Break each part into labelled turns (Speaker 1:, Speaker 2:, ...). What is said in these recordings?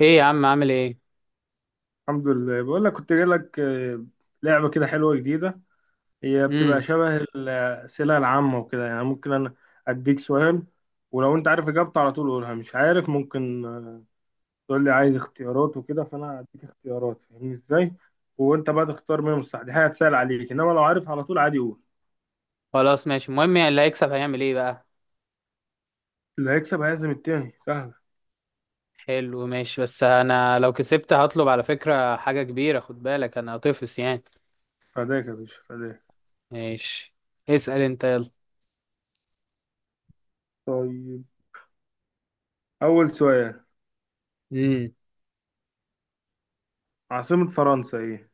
Speaker 1: ايه يا عم، عامل ايه؟
Speaker 2: الحمد لله، بقول لك كنت جاي لك لعبة كده حلوة جديدة. هي بتبقى
Speaker 1: امم.
Speaker 2: شبه الأسئلة العامة وكده، يعني ممكن أنا أديك سؤال، ولو أنت عارف إجابته على طول قولها، مش عارف ممكن تقول لي عايز اختيارات وكده، فأنا أديك اختيارات، فاهمني إزاي، وأنت بقى تختار منهم الصح. دي حاجة هتسهل عليك، إنما لو عارف على طول عادي قول.
Speaker 1: خلاص ماشي. المهم يعني اللي هيكسب هيعمل ايه بقى؟
Speaker 2: اللي هيكسب هيعزم التاني، سهلة.
Speaker 1: حلو ماشي. بس انا لو كسبت هطلب على فكرة حاجة كبيرة، خد بالك انا هطفس يعني.
Speaker 2: فداك يا باشا، فداك.
Speaker 1: ماشي، اسأل انت يلا.
Speaker 2: طيب، أول سؤال،
Speaker 1: امم.
Speaker 2: عاصمة فرنسا إيه؟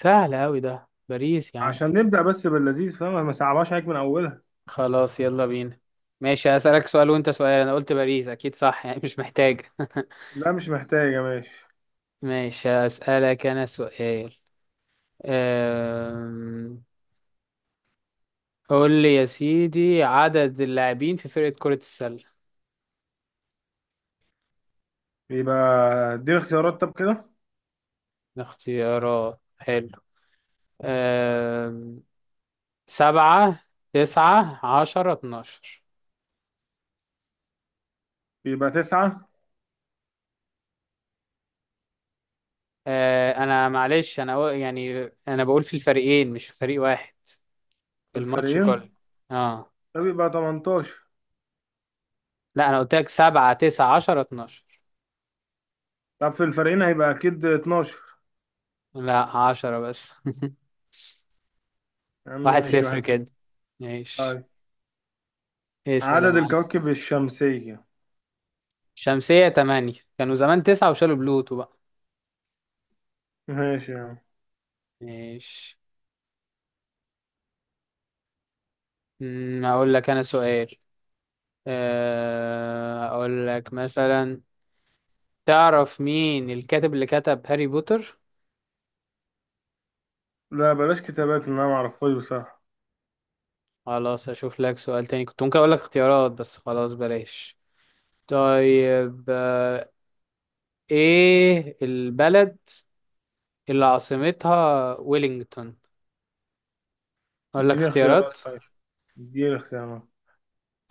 Speaker 1: سهل اوي ده، باريس يا عم.
Speaker 2: عشان نبدأ بس باللذيذ، فاهم، ما صعبهاش عليك من أولها.
Speaker 1: خلاص يلا بينا. ماشي هسألك سؤال وانت سؤال. انا قلت باريس اكيد صح يعني، مش محتاج.
Speaker 2: لا مش محتاجة، ماشي.
Speaker 1: ماشي، هسألك انا سؤال. أم... قول لي يا سيدي، عدد اللاعبين في فرقة كرة السلة؟
Speaker 2: بيبقى، دي الاختيارات، طب كده
Speaker 1: اختيارات؟ حلو. آم، سبعة تسعة عشرة اتناشر.
Speaker 2: بيبقى تسعة
Speaker 1: أنا معلش، يعني أنا بقول في الفريقين مش في فريق واحد، في
Speaker 2: في
Speaker 1: الماتش كله.
Speaker 2: الفريقين.
Speaker 1: اه.
Speaker 2: ده بيبقى 18.
Speaker 1: لا أنا قلت لك سبعة تسعة عشرة اتناشر.
Speaker 2: طب في الفريقين هيبقى أكيد 12.
Speaker 1: لا، 10 بس.
Speaker 2: يا عم
Speaker 1: واحد
Speaker 2: ماشي،
Speaker 1: صفر
Speaker 2: واحد صفر.
Speaker 1: كده. ماشي،
Speaker 2: طيب،
Speaker 1: اسأل يا
Speaker 2: عدد
Speaker 1: معلم.
Speaker 2: الكواكب الشمسية.
Speaker 1: شمسية تمانية، كانوا زمان تسعة وشالوا بلوتو بقى.
Speaker 2: ماشي يا عم.
Speaker 1: ماشي. أقول لك أنا سؤال. أقول لك مثلا، تعرف مين الكاتب اللي كتب هاري بوتر؟
Speaker 2: لا بلاش كتابات، إن أنا معرفهاش بصراحة.
Speaker 1: خلاص اشوف لك سؤال تاني، كنت ممكن اقول لك اختيارات بس خلاص بلاش. طيب. ايه البلد اللي عاصمتها ويلينغتون؟ اقول لك
Speaker 2: اديني
Speaker 1: اختيارات.
Speaker 2: اختيارات طيب، اديني اختيارات.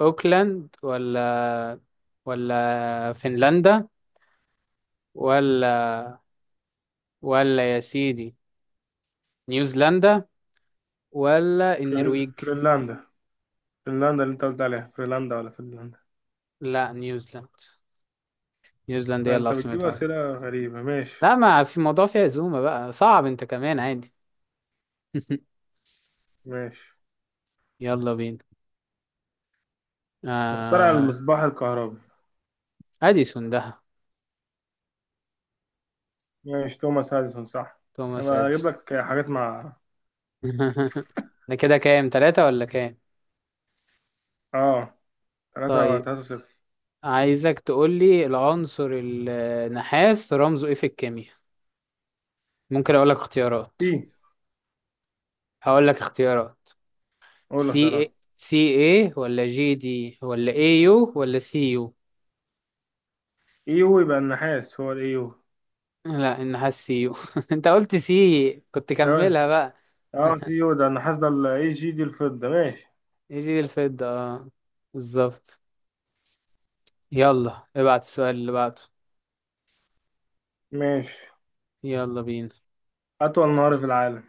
Speaker 1: اوكلاند، ولا فنلندا، ولا ولا يا سيدي نيوزيلندا، ولا النرويج؟
Speaker 2: فنلندا. فنلندا اللي أنت قلت عليها، فنلندا ولا فنلندا.
Speaker 1: لا، نيوزيلندا هي اللي
Speaker 2: فأنت بتجيب
Speaker 1: عاصمتها.
Speaker 2: أسئلة غريبة، ماشي.
Speaker 1: لا ما في موضوع، فيها زومة بقى، صعب انت كمان عادي.
Speaker 2: ماشي،
Speaker 1: يلا بينا.
Speaker 2: مخترع
Speaker 1: آه...
Speaker 2: المصباح الكهربي.
Speaker 1: أديسون ده.
Speaker 2: ماشي توماس اديسون، صح.
Speaker 1: توماس
Speaker 2: انا هجيب
Speaker 1: أديسون.
Speaker 2: لك حاجات مع.
Speaker 1: ده كده كام، تلاتة ولا كام؟
Speaker 2: اه، تلاتة
Speaker 1: طيب،
Speaker 2: تلاتة صفر.
Speaker 1: عايزك تقول لي العنصر النحاس رمزه ايه في الكيمياء؟ ممكن اقول لك اختيارات.
Speaker 2: سي.
Speaker 1: هقول لك اختيارات.
Speaker 2: هو اللي اختارها.
Speaker 1: سي ايه ولا جي دي ولا اي يو ولا سي يو؟
Speaker 2: ايو، يبقى النحاس هو الايو.
Speaker 1: لا النحاس سي يو. انت قلت سي كنت
Speaker 2: تمام.
Speaker 1: كملها بقى.
Speaker 2: اه سي يو ده النحاس، ده الاي جي دي الفضة، ماشي.
Speaker 1: اي جي دي الفضة، اه. بالظبط. يلا ابعت السؤال اللي بعده.
Speaker 2: ماشي،
Speaker 1: يلا بينا.
Speaker 2: أطول نهر في العالم.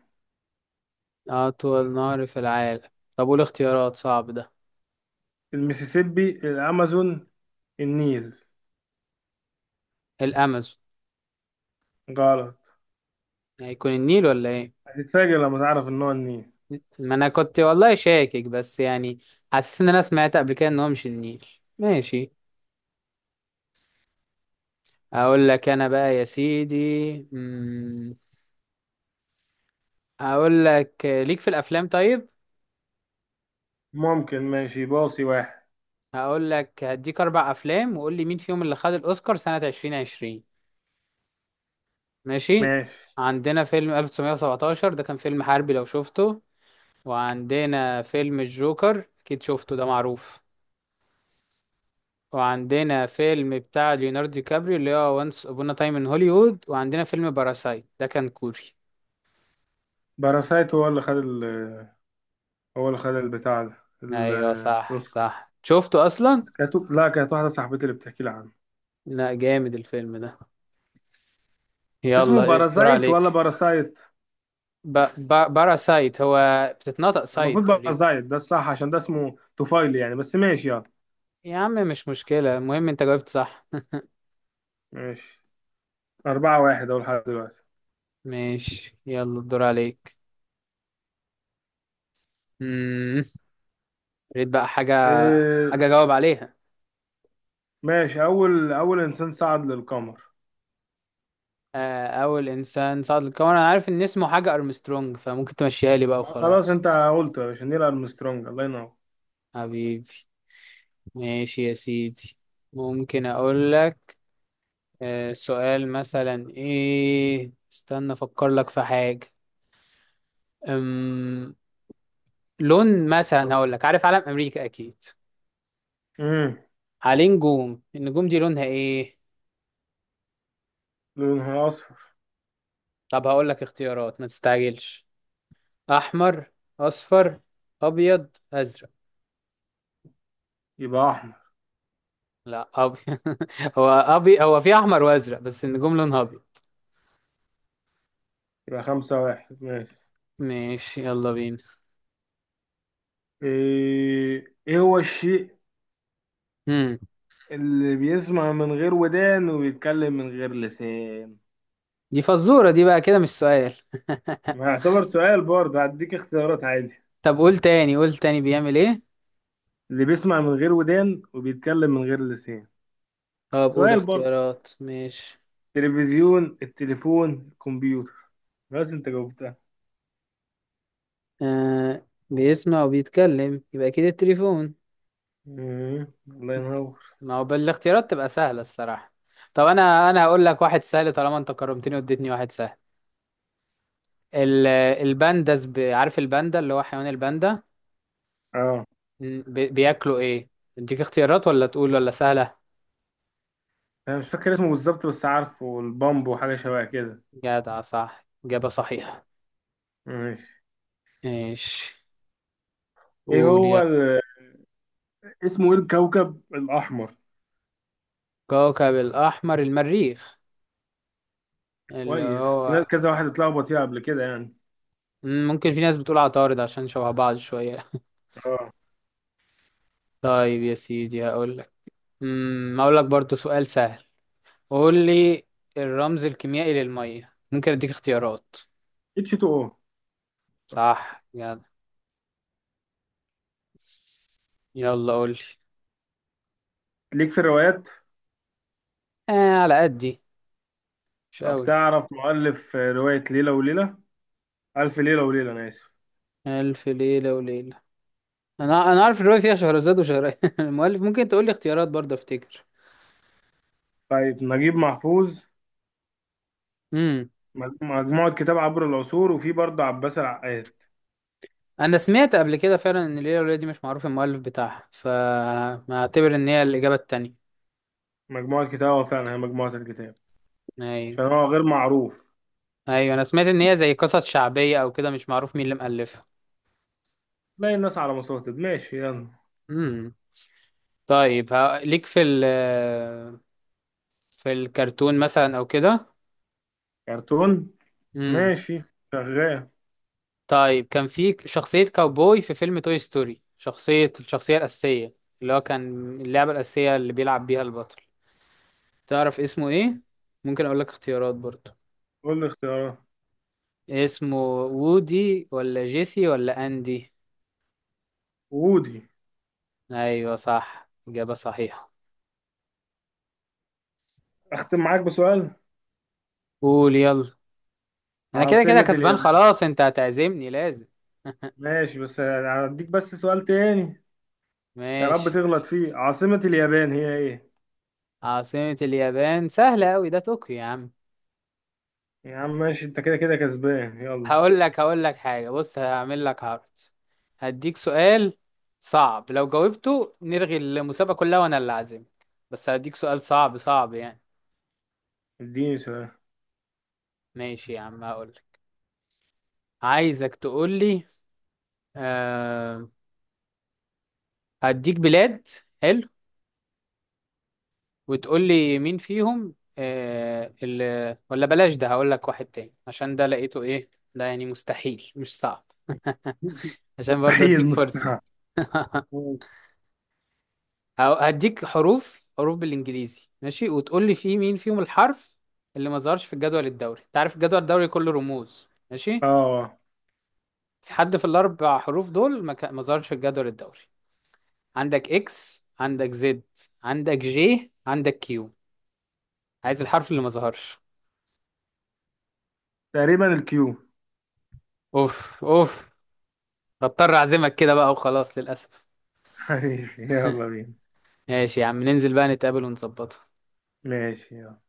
Speaker 1: أطول نهر في العالم؟ طب قول اختيارات، صعب ده.
Speaker 2: المسيسيبي، الأمازون، النيل.
Speaker 1: الأمازون.
Speaker 2: غلط.
Speaker 1: هيكون النيل ولا إيه؟
Speaker 2: هتتفاجئ لما تعرف إن هو النيل.
Speaker 1: ما أنا كنت والله شاكك بس يعني، حسيت إن أنا سمعت قبل كده إن هو مش النيل. ماشي. أقول لك أنا بقى يا سيدي. مم، أقول لك، ليك في الأفلام طيب؟
Speaker 2: ممكن، ماشي باصي واحد.
Speaker 1: هقول لك هديك أربع أفلام وقول لي مين فيهم اللي خد الأوسكار سنة 2020، ماشي؟
Speaker 2: ماشي.
Speaker 1: عندنا فيلم 1917، ده كان فيلم حربي لو شفته. وعندنا فيلم الجوكر أكيد شفته، ده معروف. وعندنا فيلم بتاع ليوناردو دي كابريو اللي هو وانس ابونا تايم ان هوليوود، وعندنا فيلم باراسايت ده كان كوري.
Speaker 2: باراسايت هو اللي خد هو اللي خد البتاع ده ال-
Speaker 1: ايوه صح
Speaker 2: الأوسكار
Speaker 1: صح شفته اصلا.
Speaker 2: كانت، لا، كانت واحدة صاحبتي اللي بتحكي لي عنه.
Speaker 1: لا جامد الفيلم ده.
Speaker 2: اسمه
Speaker 1: يلا إيه، الدور
Speaker 2: باراسايت ولا
Speaker 1: عليك.
Speaker 2: باراسايت؟
Speaker 1: ب... ب... باراسايت هو، بتتنطق سايت
Speaker 2: المفروض بقى
Speaker 1: تقريبا.
Speaker 2: زايد، ده الصح عشان ده اسمه طفيلي يعني، بس ماشي يلا.
Speaker 1: يا عم مش مشكلة، المهم انت جاوبت صح.
Speaker 2: ماشي، أربعة واحد أول لحد دلوقتي.
Speaker 1: ماشي يلا الدور عليك. امم. ريت بقى حاجة،
Speaker 2: إيه؟
Speaker 1: حاجة جاوب عليها.
Speaker 2: ماشي، أول إنسان صعد للقمر.
Speaker 1: أول إنسان صعد للقمر، أنا عارف إن اسمه حاجة أرمسترونج، فممكن تمشيها لي بقى
Speaker 2: آه خلاص،
Speaker 1: وخلاص.
Speaker 2: أنت قلت يا باشا نيل أرمسترونج، الله ينور.
Speaker 1: حبيبي. ماشي يا سيدي. ممكن اقول لك، سؤال مثلا ايه، استنى افكر لك في حاجة. أم... لون مثلا، هقول لك عارف علم امريكا اكيد،
Speaker 2: امم
Speaker 1: عليه نجوم، النجوم دي لونها ايه؟
Speaker 2: لونها أصفر.
Speaker 1: طب هقول لك اختيارات، ما تستعجلش. احمر، اصفر، ابيض، ازرق.
Speaker 2: يبقى أحمر.
Speaker 1: لا، ابيض. هو في احمر وازرق، بس النجوم لونها ابيض.
Speaker 2: يبقى خمسة واحد، ماشي.
Speaker 1: ماشي يلا بينا.
Speaker 2: إيه هو الشيء
Speaker 1: هم.
Speaker 2: اللي بيسمع من غير ودان وبيتكلم من غير لسان.
Speaker 1: دي فزورة دي بقى كده مش سؤال.
Speaker 2: ما يعتبر سؤال برضه، هديك اختيارات عادي.
Speaker 1: طب قول تاني قول تاني بيعمل ايه؟
Speaker 2: اللي بيسمع من غير ودان وبيتكلم من غير لسان.
Speaker 1: اه، بقول
Speaker 2: سؤال برضه.
Speaker 1: اختيارات ماشي.
Speaker 2: تلفزيون، التليفون، الكمبيوتر. بس انت جاوبتها.
Speaker 1: آه، بيسمع وبيتكلم يبقى اكيد التليفون.
Speaker 2: مم. الله ينور.
Speaker 1: ما هو بالاختيارات تبقى سهلة الصراحة. طب انا هقول لك واحد سهل، طالما انت كرمتني واديتني واحد سهل. ال- البانداس، عارف الباندا اللي هو حيوان الباندا؟
Speaker 2: اه،
Speaker 1: بياكلوا ايه؟ اديك اختيارات ولا تقول ولا سهلة.
Speaker 2: انا مش فاكر اسمه بالظبط بس عارفه، والبامب وحاجه شبه كده.
Speaker 1: جدع، صح، إجابة صحيحة.
Speaker 2: ماشي.
Speaker 1: ماشي.
Speaker 2: ايه
Speaker 1: قول
Speaker 2: هو
Speaker 1: يا.
Speaker 2: ال... اسمه ايه الكوكب الاحمر؟
Speaker 1: كوكب الأحمر المريخ، اللي
Speaker 2: كويس،
Speaker 1: هو.
Speaker 2: كذا واحد اتلخبط فيها قبل كده يعني.
Speaker 1: ممكن في ناس بتقول عطارد، عشان شبه بعض شوية.
Speaker 2: اه،
Speaker 1: طيب يا سيدي هقول لك، هقول لك برضو سؤال سهل. قول لي، الرمز الكيميائي للمية؟ ممكن اديك اختيارات.
Speaker 2: اتش 2 او. بس.
Speaker 1: صح يلا. يلا قول لي.
Speaker 2: ليك في الروايات؟
Speaker 1: على قدي، مش
Speaker 2: طب
Speaker 1: قوي.
Speaker 2: تعرف مؤلف روايه ليله وليله، الف ليله وليله انا اسف.
Speaker 1: ألف ليلة وليلة. انا عارف الرواية، فيها شهرزاد المؤلف ممكن تقول لي اختيارات برضه، افتكر.
Speaker 2: طيب، نجيب محفوظ.
Speaker 1: امم.
Speaker 2: مجموعه كتاب عبر العصور، وفي برضه عباس العقاد.
Speaker 1: انا سمعت قبل كده فعلا ان ليلة وليلة دي مش معروف المؤلف بتاعها، فما اعتبر ان هي الإجابة التانية.
Speaker 2: مجموعة كتاب، هو فعلا هي مجموعة الكتاب.
Speaker 1: أيوة.
Speaker 2: عشان هو غير معروف.
Speaker 1: ايوه انا سمعت ان هي زي قصص شعبيه او كده، مش معروف مين اللي مؤلفها.
Speaker 2: تلاقي الناس على مصادر، ماشي يلا.
Speaker 1: امم. طيب ليك في ال، في الكرتون مثلا او كده.
Speaker 2: كرتون.
Speaker 1: امم.
Speaker 2: ماشي، شغال.
Speaker 1: طيب كان في شخصيه كاوبوي في فيلم توي ستوري، شخصيه الشخصيه الاساسيه، اللي هو كان اللعبه الاساسيه اللي بيلعب بيها البطل، تعرف اسمه ايه؟ ممكن اقول لك اختيارات برضو.
Speaker 2: قول لي اختيارات.
Speaker 1: اسمه وودي ولا جيسي ولا اندي؟
Speaker 2: وودي.
Speaker 1: ايوه صح اجابه صحيحه.
Speaker 2: اختم معاك بسؤال،
Speaker 1: قول يلا. انا كده كده
Speaker 2: عاصمة
Speaker 1: كسبان
Speaker 2: اليابان.
Speaker 1: خلاص، انت هتعزمني لازم.
Speaker 2: ماشي بس هديك بس سؤال تاني. يا رب
Speaker 1: ماشي.
Speaker 2: تغلط فيه، عاصمة اليابان هي ايه؟
Speaker 1: عاصمة اليابان سهلة أوي، ده طوكيو يا عم.
Speaker 2: يا عم ماشي، انت كده كده كسبان يلا.
Speaker 1: هقول لك حاجة، بص هعمل لك عرض. هديك سؤال صعب، لو جاوبته نلغي المسابقة كلها وأنا اللي عازمك، بس هديك سؤال صعب صعب يعني.
Speaker 2: اديني سؤال.
Speaker 1: ماشي يا عم هقول لك، عايزك تقول لي، أه هديك بلاد، حلو، وتقول لي مين فيهم، اللي ولا بلاش، ده هقول لك واحد تاني عشان ده لقيته ايه. ده يعني مستحيل مش صعب. عشان برضه
Speaker 2: مستحيل
Speaker 1: اديك فرصة.
Speaker 2: مستحيل.
Speaker 1: هديك حروف حروف بالانجليزي، ماشي؟ وتقول لي فيه مين فيهم الحرف اللي ما ظهرش في الجدول الدوري. انت عارف الجدول الدوري كله رموز، ماشي؟
Speaker 2: اه،
Speaker 1: في حد في الاربع حروف دول ما ظهرش في الجدول الدوري. عندك اكس، عندك زد، عندك جي، عندك كيو. عايز الحرف اللي ما ظهرش.
Speaker 2: تقريبا الكيو.
Speaker 1: اوف اوف. بضطر اعزمك كده بقى وخلاص للاسف.
Speaker 2: حبيبي يلا بينا.
Speaker 1: ماشي يا عم، ننزل بقى نتقابل ونظبطها.
Speaker 2: ماشي يلا.